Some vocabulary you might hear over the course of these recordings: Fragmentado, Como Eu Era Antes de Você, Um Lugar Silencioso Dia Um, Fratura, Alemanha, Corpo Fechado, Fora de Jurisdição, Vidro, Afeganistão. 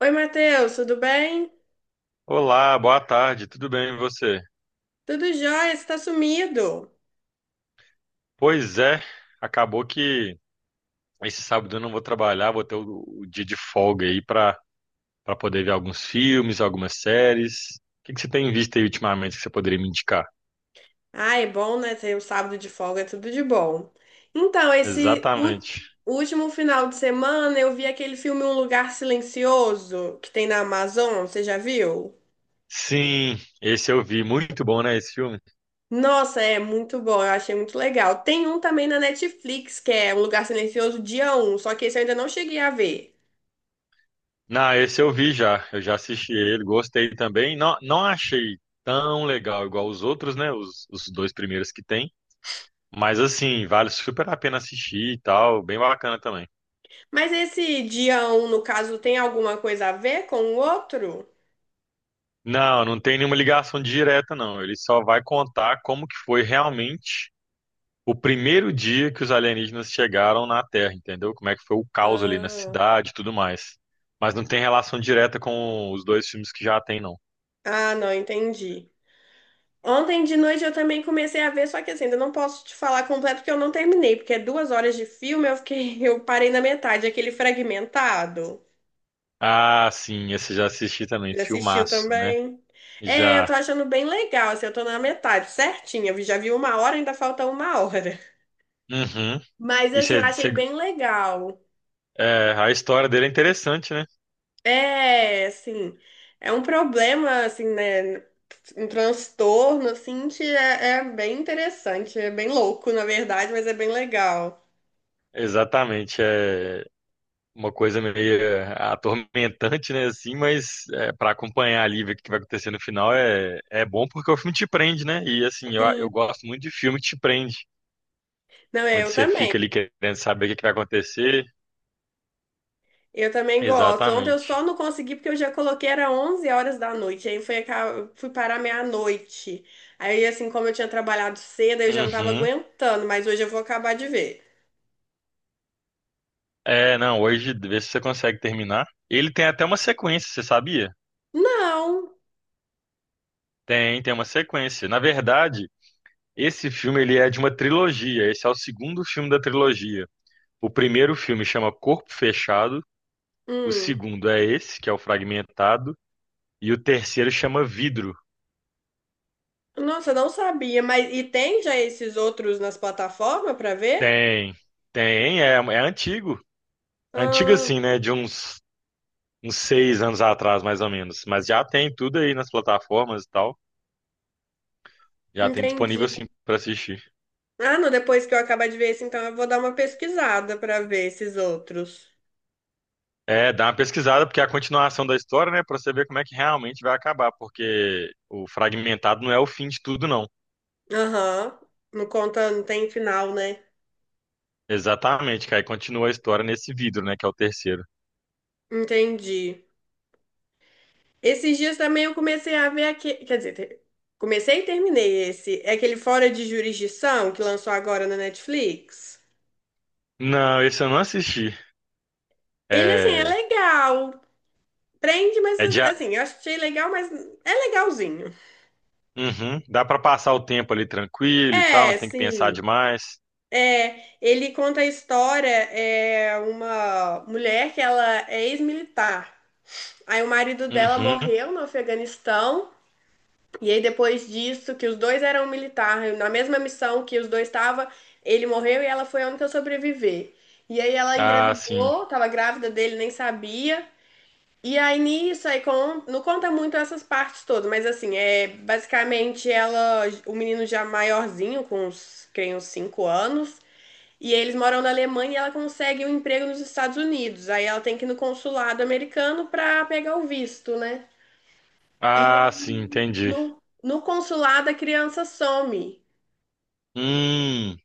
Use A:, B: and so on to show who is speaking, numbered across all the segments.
A: Oi, Matheus, tudo bem?
B: Olá, boa tarde, tudo bem e você?
A: Tudo jóia, você tá sumido.
B: Pois é, acabou que esse sábado eu não vou trabalhar, vou ter o dia de folga aí para poder ver alguns filmes, algumas séries. O que que você tem visto aí ultimamente que você poderia me indicar?
A: Ah, é bom, né? Ter um sábado de folga, é tudo de bom. Então,
B: Exatamente.
A: último final de semana eu vi aquele filme Um Lugar Silencioso que tem na Amazon, você já viu?
B: Sim, esse eu vi, muito bom, né, esse filme?
A: Nossa, é muito bom, eu achei muito legal. Tem um também na Netflix, que é Um Lugar Silencioso Dia Um. Só que esse eu ainda não cheguei a ver.
B: Não, esse eu vi já, eu já assisti ele, gostei também. Não, não achei tão legal igual os outros, né, os dois primeiros que tem, mas assim, vale super a pena assistir e tal, bem bacana também.
A: Mas esse Dia Um, no caso, tem alguma coisa a ver com o outro?
B: Não, não tem nenhuma ligação direta, não. Ele só vai contar como que foi realmente o primeiro dia que os alienígenas chegaram na Terra, entendeu? Como é que foi o caos ali na
A: Ah,
B: cidade e tudo mais. Mas não tem relação direta com os dois filmes que já tem, não.
A: ah, não, entendi. Ontem de noite eu também comecei a ver, só que assim, ainda não posso te falar completo porque eu não terminei, porque é duas horas de filme, eu fiquei, eu parei na metade, aquele fragmentado.
B: Ah, sim, esse eu já assisti também,
A: Já assistiu
B: filmaço, né?
A: também? É, eu tô
B: Já.
A: achando bem legal, assim, eu tô na metade, certinha. Eu já vi uma hora, ainda falta uma hora.
B: Uhum.
A: Mas
B: E
A: assim, eu
B: cê-
A: achei
B: cê-
A: bem legal.
B: é, a história dele é interessante, né?
A: É, assim, é um problema, assim, né? Um transtorno, assim, que é bem interessante, é bem louco, na verdade, mas é bem legal.
B: Exatamente. É, uma coisa meio atormentante, né, assim, mas é, para acompanhar ali, ver o que vai acontecer no final é bom porque o filme te prende, né? E assim, eu gosto muito de filme que te prende,
A: Não,
B: onde
A: eu
B: você
A: também.
B: fica ali querendo saber o que que vai acontecer.
A: Eu também gosto. Ontem eu só
B: Exatamente.
A: não consegui porque eu já coloquei, era 11 horas da noite. Aí foi, fui parar meia-noite. Aí, assim, como eu tinha trabalhado cedo, eu já não tava
B: Uhum.
A: aguentando, mas hoje eu vou acabar de ver.
B: É, não, hoje vê se você consegue terminar. Ele tem até uma sequência, você sabia?
A: Não.
B: Tem uma sequência. Na verdade, esse filme ele é de uma trilogia. Esse é o segundo filme da trilogia. O primeiro filme chama Corpo Fechado. O
A: Hum.
B: segundo é esse, que é o fragmentado. E o terceiro chama Vidro.
A: Nossa, eu não sabia. Mas e tem já esses outros nas plataformas pra ver?
B: Tem, tem, é antigo. Antigo
A: Ah,
B: assim, né? De uns 6 anos atrás, mais ou menos. Mas já tem tudo aí nas plataformas e tal. Já tem
A: entendi.
B: disponível sim pra assistir.
A: Ah, não, depois que eu acabar de ver esse, então eu vou dar uma pesquisada pra ver esses outros.
B: É, dá uma pesquisada, porque é a continuação da história, né? Pra você ver como é que realmente vai acabar. Porque o fragmentado não é o fim de tudo, não.
A: Aham. Não conta, não tem final, né?
B: Exatamente, que aí continua a história nesse Vidro, né? Que é o terceiro.
A: Entendi. Esses dias também eu comecei a ver aqui, quer dizer, comecei e terminei esse, é aquele Fora de Jurisdição que lançou agora na Netflix.
B: Não, esse eu não assisti.
A: Ele assim é
B: É,
A: legal, prende, mas
B: é de.
A: assim, eu achei legal, mas é legalzinho.
B: Uhum. Dá pra passar o tempo ali tranquilo e tal, não
A: É,
B: tem que pensar
A: sim.
B: demais.
A: É, ele conta a história, é uma mulher que ela é ex-militar. Aí o marido dela
B: Uhum.
A: morreu no Afeganistão. E aí, depois disso, que os dois eram militares, na mesma missão que os dois estavam, ele morreu e ela foi a única a sobreviver. E aí ela
B: Ah, sim.
A: engravidou, tava grávida dele, nem sabia. E aí nisso, aí com, não conta muito essas partes todas, mas assim, é basicamente ela, o menino já maiorzinho, com uns, creio, uns 5 anos, e eles moram na Alemanha e ela consegue um emprego nos Estados Unidos. Aí ela tem que ir no consulado americano pra pegar o visto, né? E
B: Ah, sim, entendi.
A: no consulado, a criança some.
B: Hum,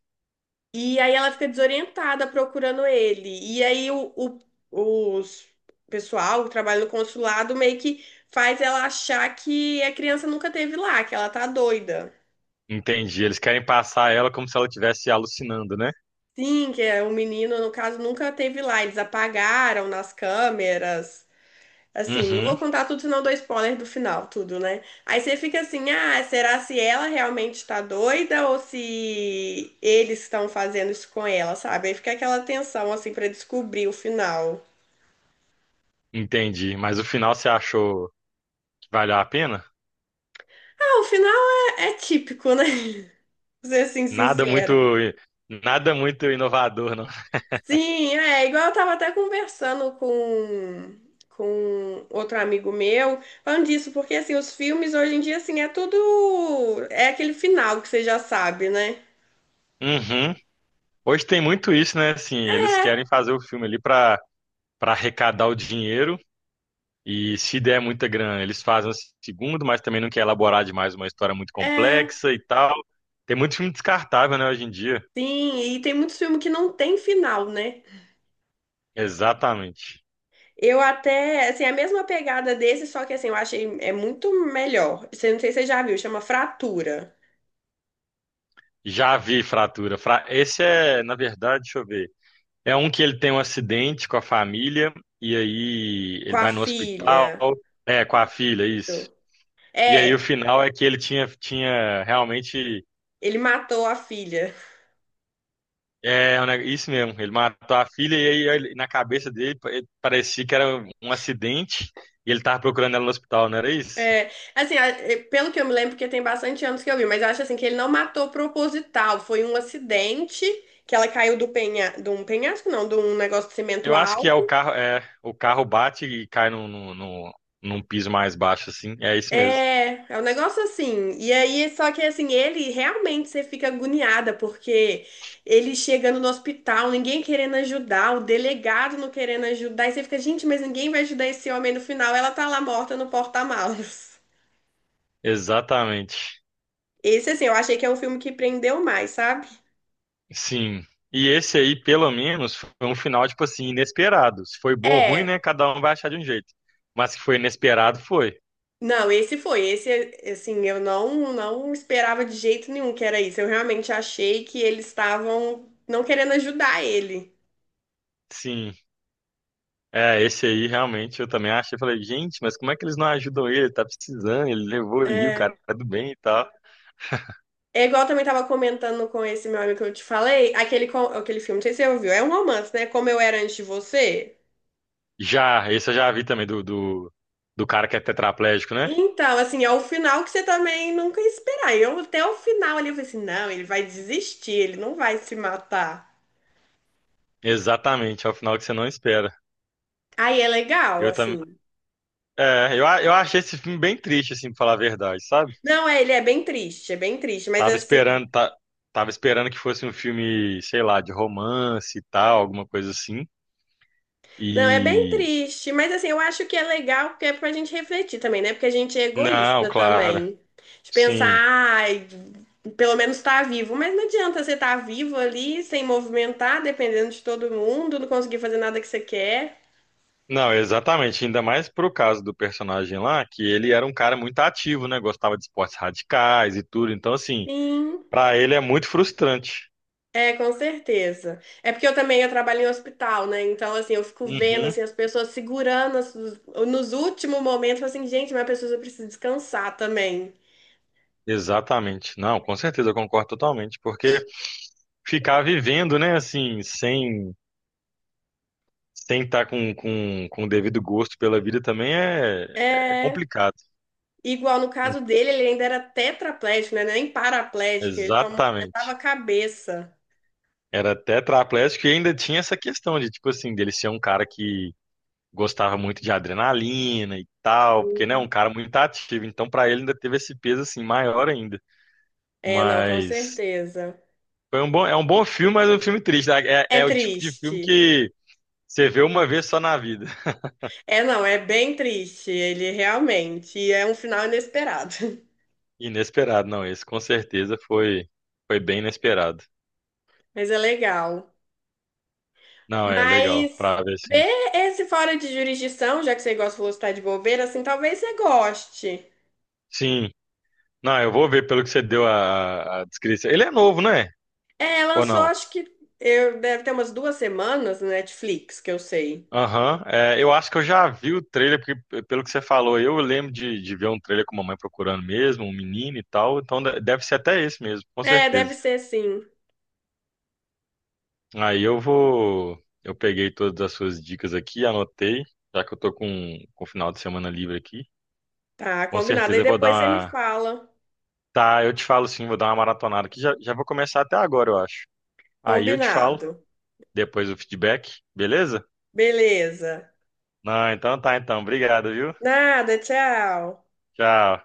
A: E aí ela fica desorientada procurando ele. E aí o os pessoal que trabalha no consulado meio que faz ela achar que a criança nunca teve lá, que ela tá doida.
B: entendi. Eles querem passar ela como se ela estivesse alucinando, né?
A: Sim, que é, o menino, no caso, nunca teve lá. Eles apagaram nas câmeras. Assim, não vou
B: Uhum,
A: contar tudo, senão eu dou spoiler do final, tudo, né? Aí você fica assim, ah, será se ela realmente tá doida ou se eles estão fazendo isso com ela, sabe? Aí fica aquela tensão, assim, pra descobrir o final.
B: entendi. Mas o final você achou que valeu a pena?
A: Ah, o final é típico, né? Pra ser assim,
B: Nada muito,
A: sincera.
B: nada muito inovador, não.
A: Sim, é, igual eu tava até conversando com outro amigo meu, falando disso, porque, assim, os filmes hoje em dia, assim, é tudo... É aquele final que você já sabe, né?
B: Uhum. Hoje tem muito isso, né? Assim, eles querem fazer o filme ali pra para arrecadar o dinheiro. E se der muita grana, eles fazem o segundo, mas também não quer elaborar demais uma história muito
A: É.
B: complexa e tal. Tem muito filme descartável, né, hoje em dia.
A: Sim, e tem muitos filmes que não tem final, né?
B: Exatamente.
A: Eu até, assim, a mesma pegada desse, só que assim, eu achei é muito melhor. Você não sei se você já viu, chama Fratura,
B: Já vi Fratura. Esse é, na verdade, deixa eu ver. É um que ele tem um acidente com a família, e aí
A: com
B: ele
A: a
B: vai no hospital,
A: filha.
B: é, com a filha, isso.
A: Isso.
B: E aí o
A: É,
B: final é que ele tinha realmente
A: ele matou a filha.
B: É, isso mesmo. Ele matou a filha e aí na cabeça dele ele parecia que era um acidente e ele tava procurando ela no hospital, não era isso?
A: É, assim, é, pelo que eu me lembro, porque tem bastante anos que eu vi, mas eu acho assim que ele não matou proposital, foi um acidente que ela caiu do penha, de um penhasco, não, de um negócio de cimento
B: Eu acho que
A: alto.
B: é, o carro bate e cai num piso mais baixo, assim. É isso mesmo.
A: É, é um negócio assim. E aí, só que assim, ele realmente você fica agoniada, porque ele chegando no hospital, ninguém querendo ajudar, o delegado não querendo ajudar, e você fica, gente, mas ninguém vai ajudar esse homem no final, ela tá lá morta no porta-malas.
B: Exatamente.
A: Esse, assim, eu achei que é um filme que prendeu mais, sabe?
B: Sim. E esse aí, pelo menos, foi um final, tipo assim, inesperado. Se foi bom ou ruim,
A: É.
B: né? Cada um vai achar de um jeito. Mas que foi inesperado, foi.
A: Não, esse foi, esse, assim, eu não, não esperava de jeito nenhum que era isso. Eu realmente achei que eles estavam não querendo ajudar ele.
B: Sim. É, esse aí realmente eu também achei. Eu falei, gente, mas como é que eles não ajudam ele? Ele tá precisando, ele levou ali, o cara
A: É.
B: tá do bem e tal.
A: É igual eu também tava comentando com esse meu amigo que eu te falei, aquele, aquele filme, não sei se você ouviu, é um romance, né? Como Eu Era Antes de Você.
B: Já, esse eu já vi também, do cara que é tetraplégico, né?
A: Então, assim, é o final que você também nunca ia esperar. Eu até o final ali eu falei assim, não, ele vai desistir, ele não vai se matar.
B: Exatamente, é o final que você não espera.
A: Aí é legal,
B: Eu
A: assim.
B: também. É, eu achei esse filme bem triste, assim, pra falar a verdade, sabe?
A: Não, é, ele é bem triste, mas
B: Tava
A: assim,
B: esperando, tá, tava esperando que fosse um filme, sei lá, de romance e tal, alguma coisa assim.
A: não, é bem
B: E.
A: triste, mas assim, eu acho que é legal porque é pra gente refletir também, né? Porque a gente é
B: Não,
A: egoísta
B: claro,
A: também. De pensar,
B: sim.
A: ai, pelo menos tá vivo, mas não adianta você estar tá vivo ali, sem movimentar, dependendo de todo mundo, não conseguir fazer nada que você quer.
B: Não, exatamente. Ainda mais pro caso do personagem lá, que ele era um cara muito ativo, né? Gostava de esportes radicais e tudo. Então, assim,
A: Sim,
B: pra ele é muito frustrante.
A: é, com certeza. É porque eu também eu trabalho em hospital, né? Então, assim, eu fico vendo
B: Uhum,
A: assim, as pessoas segurando nos últimos momentos, eu falo assim, gente, mas a pessoa precisa descansar também.
B: exatamente. Não, com certeza, eu concordo totalmente. Porque ficar vivendo, né, assim, sem estar com o devido gosto pela vida também é
A: É.
B: complicado.
A: Igual no caso dele, ele ainda era tetraplégico, né? Nem paraplégico, ele só movimentava a
B: Exatamente.
A: cabeça.
B: Era tetraplégico e ainda tinha essa questão de, tipo assim, dele ser um cara que gostava muito de adrenalina e tal, porque, né, é um cara muito ativo, então pra ele ainda teve esse peso, assim, maior ainda.
A: É, não, com
B: Mas
A: certeza.
B: é um bom filme, mas é um filme triste, né? É,
A: É
B: é o tipo de
A: triste.
B: filme que você vê uma vez só na vida.
A: É, não, é bem triste, ele realmente. E é um final inesperado.
B: Inesperado, não, esse com certeza foi bem inesperado.
A: Mas é legal.
B: Não, é legal,
A: Mas
B: pra ver, sim.
A: ver esse Fora de Jurisdição, já que você gosta, falou que tá de bobeira, assim, talvez você goste.
B: Sim, não, eu vou ver pelo que você deu a descrição. Ele é novo, né?
A: É,
B: Ou
A: lançou,
B: não?
A: acho que eu, deve ter umas duas semanas no Netflix, que eu sei.
B: Aham, é, eu acho que eu já vi o trailer, porque pelo que você falou, eu lembro de ver um trailer com a mamãe procurando mesmo, um menino e tal, então deve ser até esse mesmo, com
A: É,
B: certeza.
A: deve ser sim.
B: Aí eu peguei todas as suas dicas aqui, anotei, já que eu tô com o final de semana livre aqui,
A: Tá,
B: com
A: combinado. Aí
B: certeza eu vou dar
A: depois você me
B: uma.
A: fala.
B: Tá, eu te falo sim, vou dar uma maratonada aqui, já, já vou começar até agora, eu acho. Aí eu te falo,
A: Combinado.
B: depois o feedback, beleza?
A: Beleza.
B: Não, então tá, então, obrigado, viu?
A: Nada, tchau.
B: Tchau.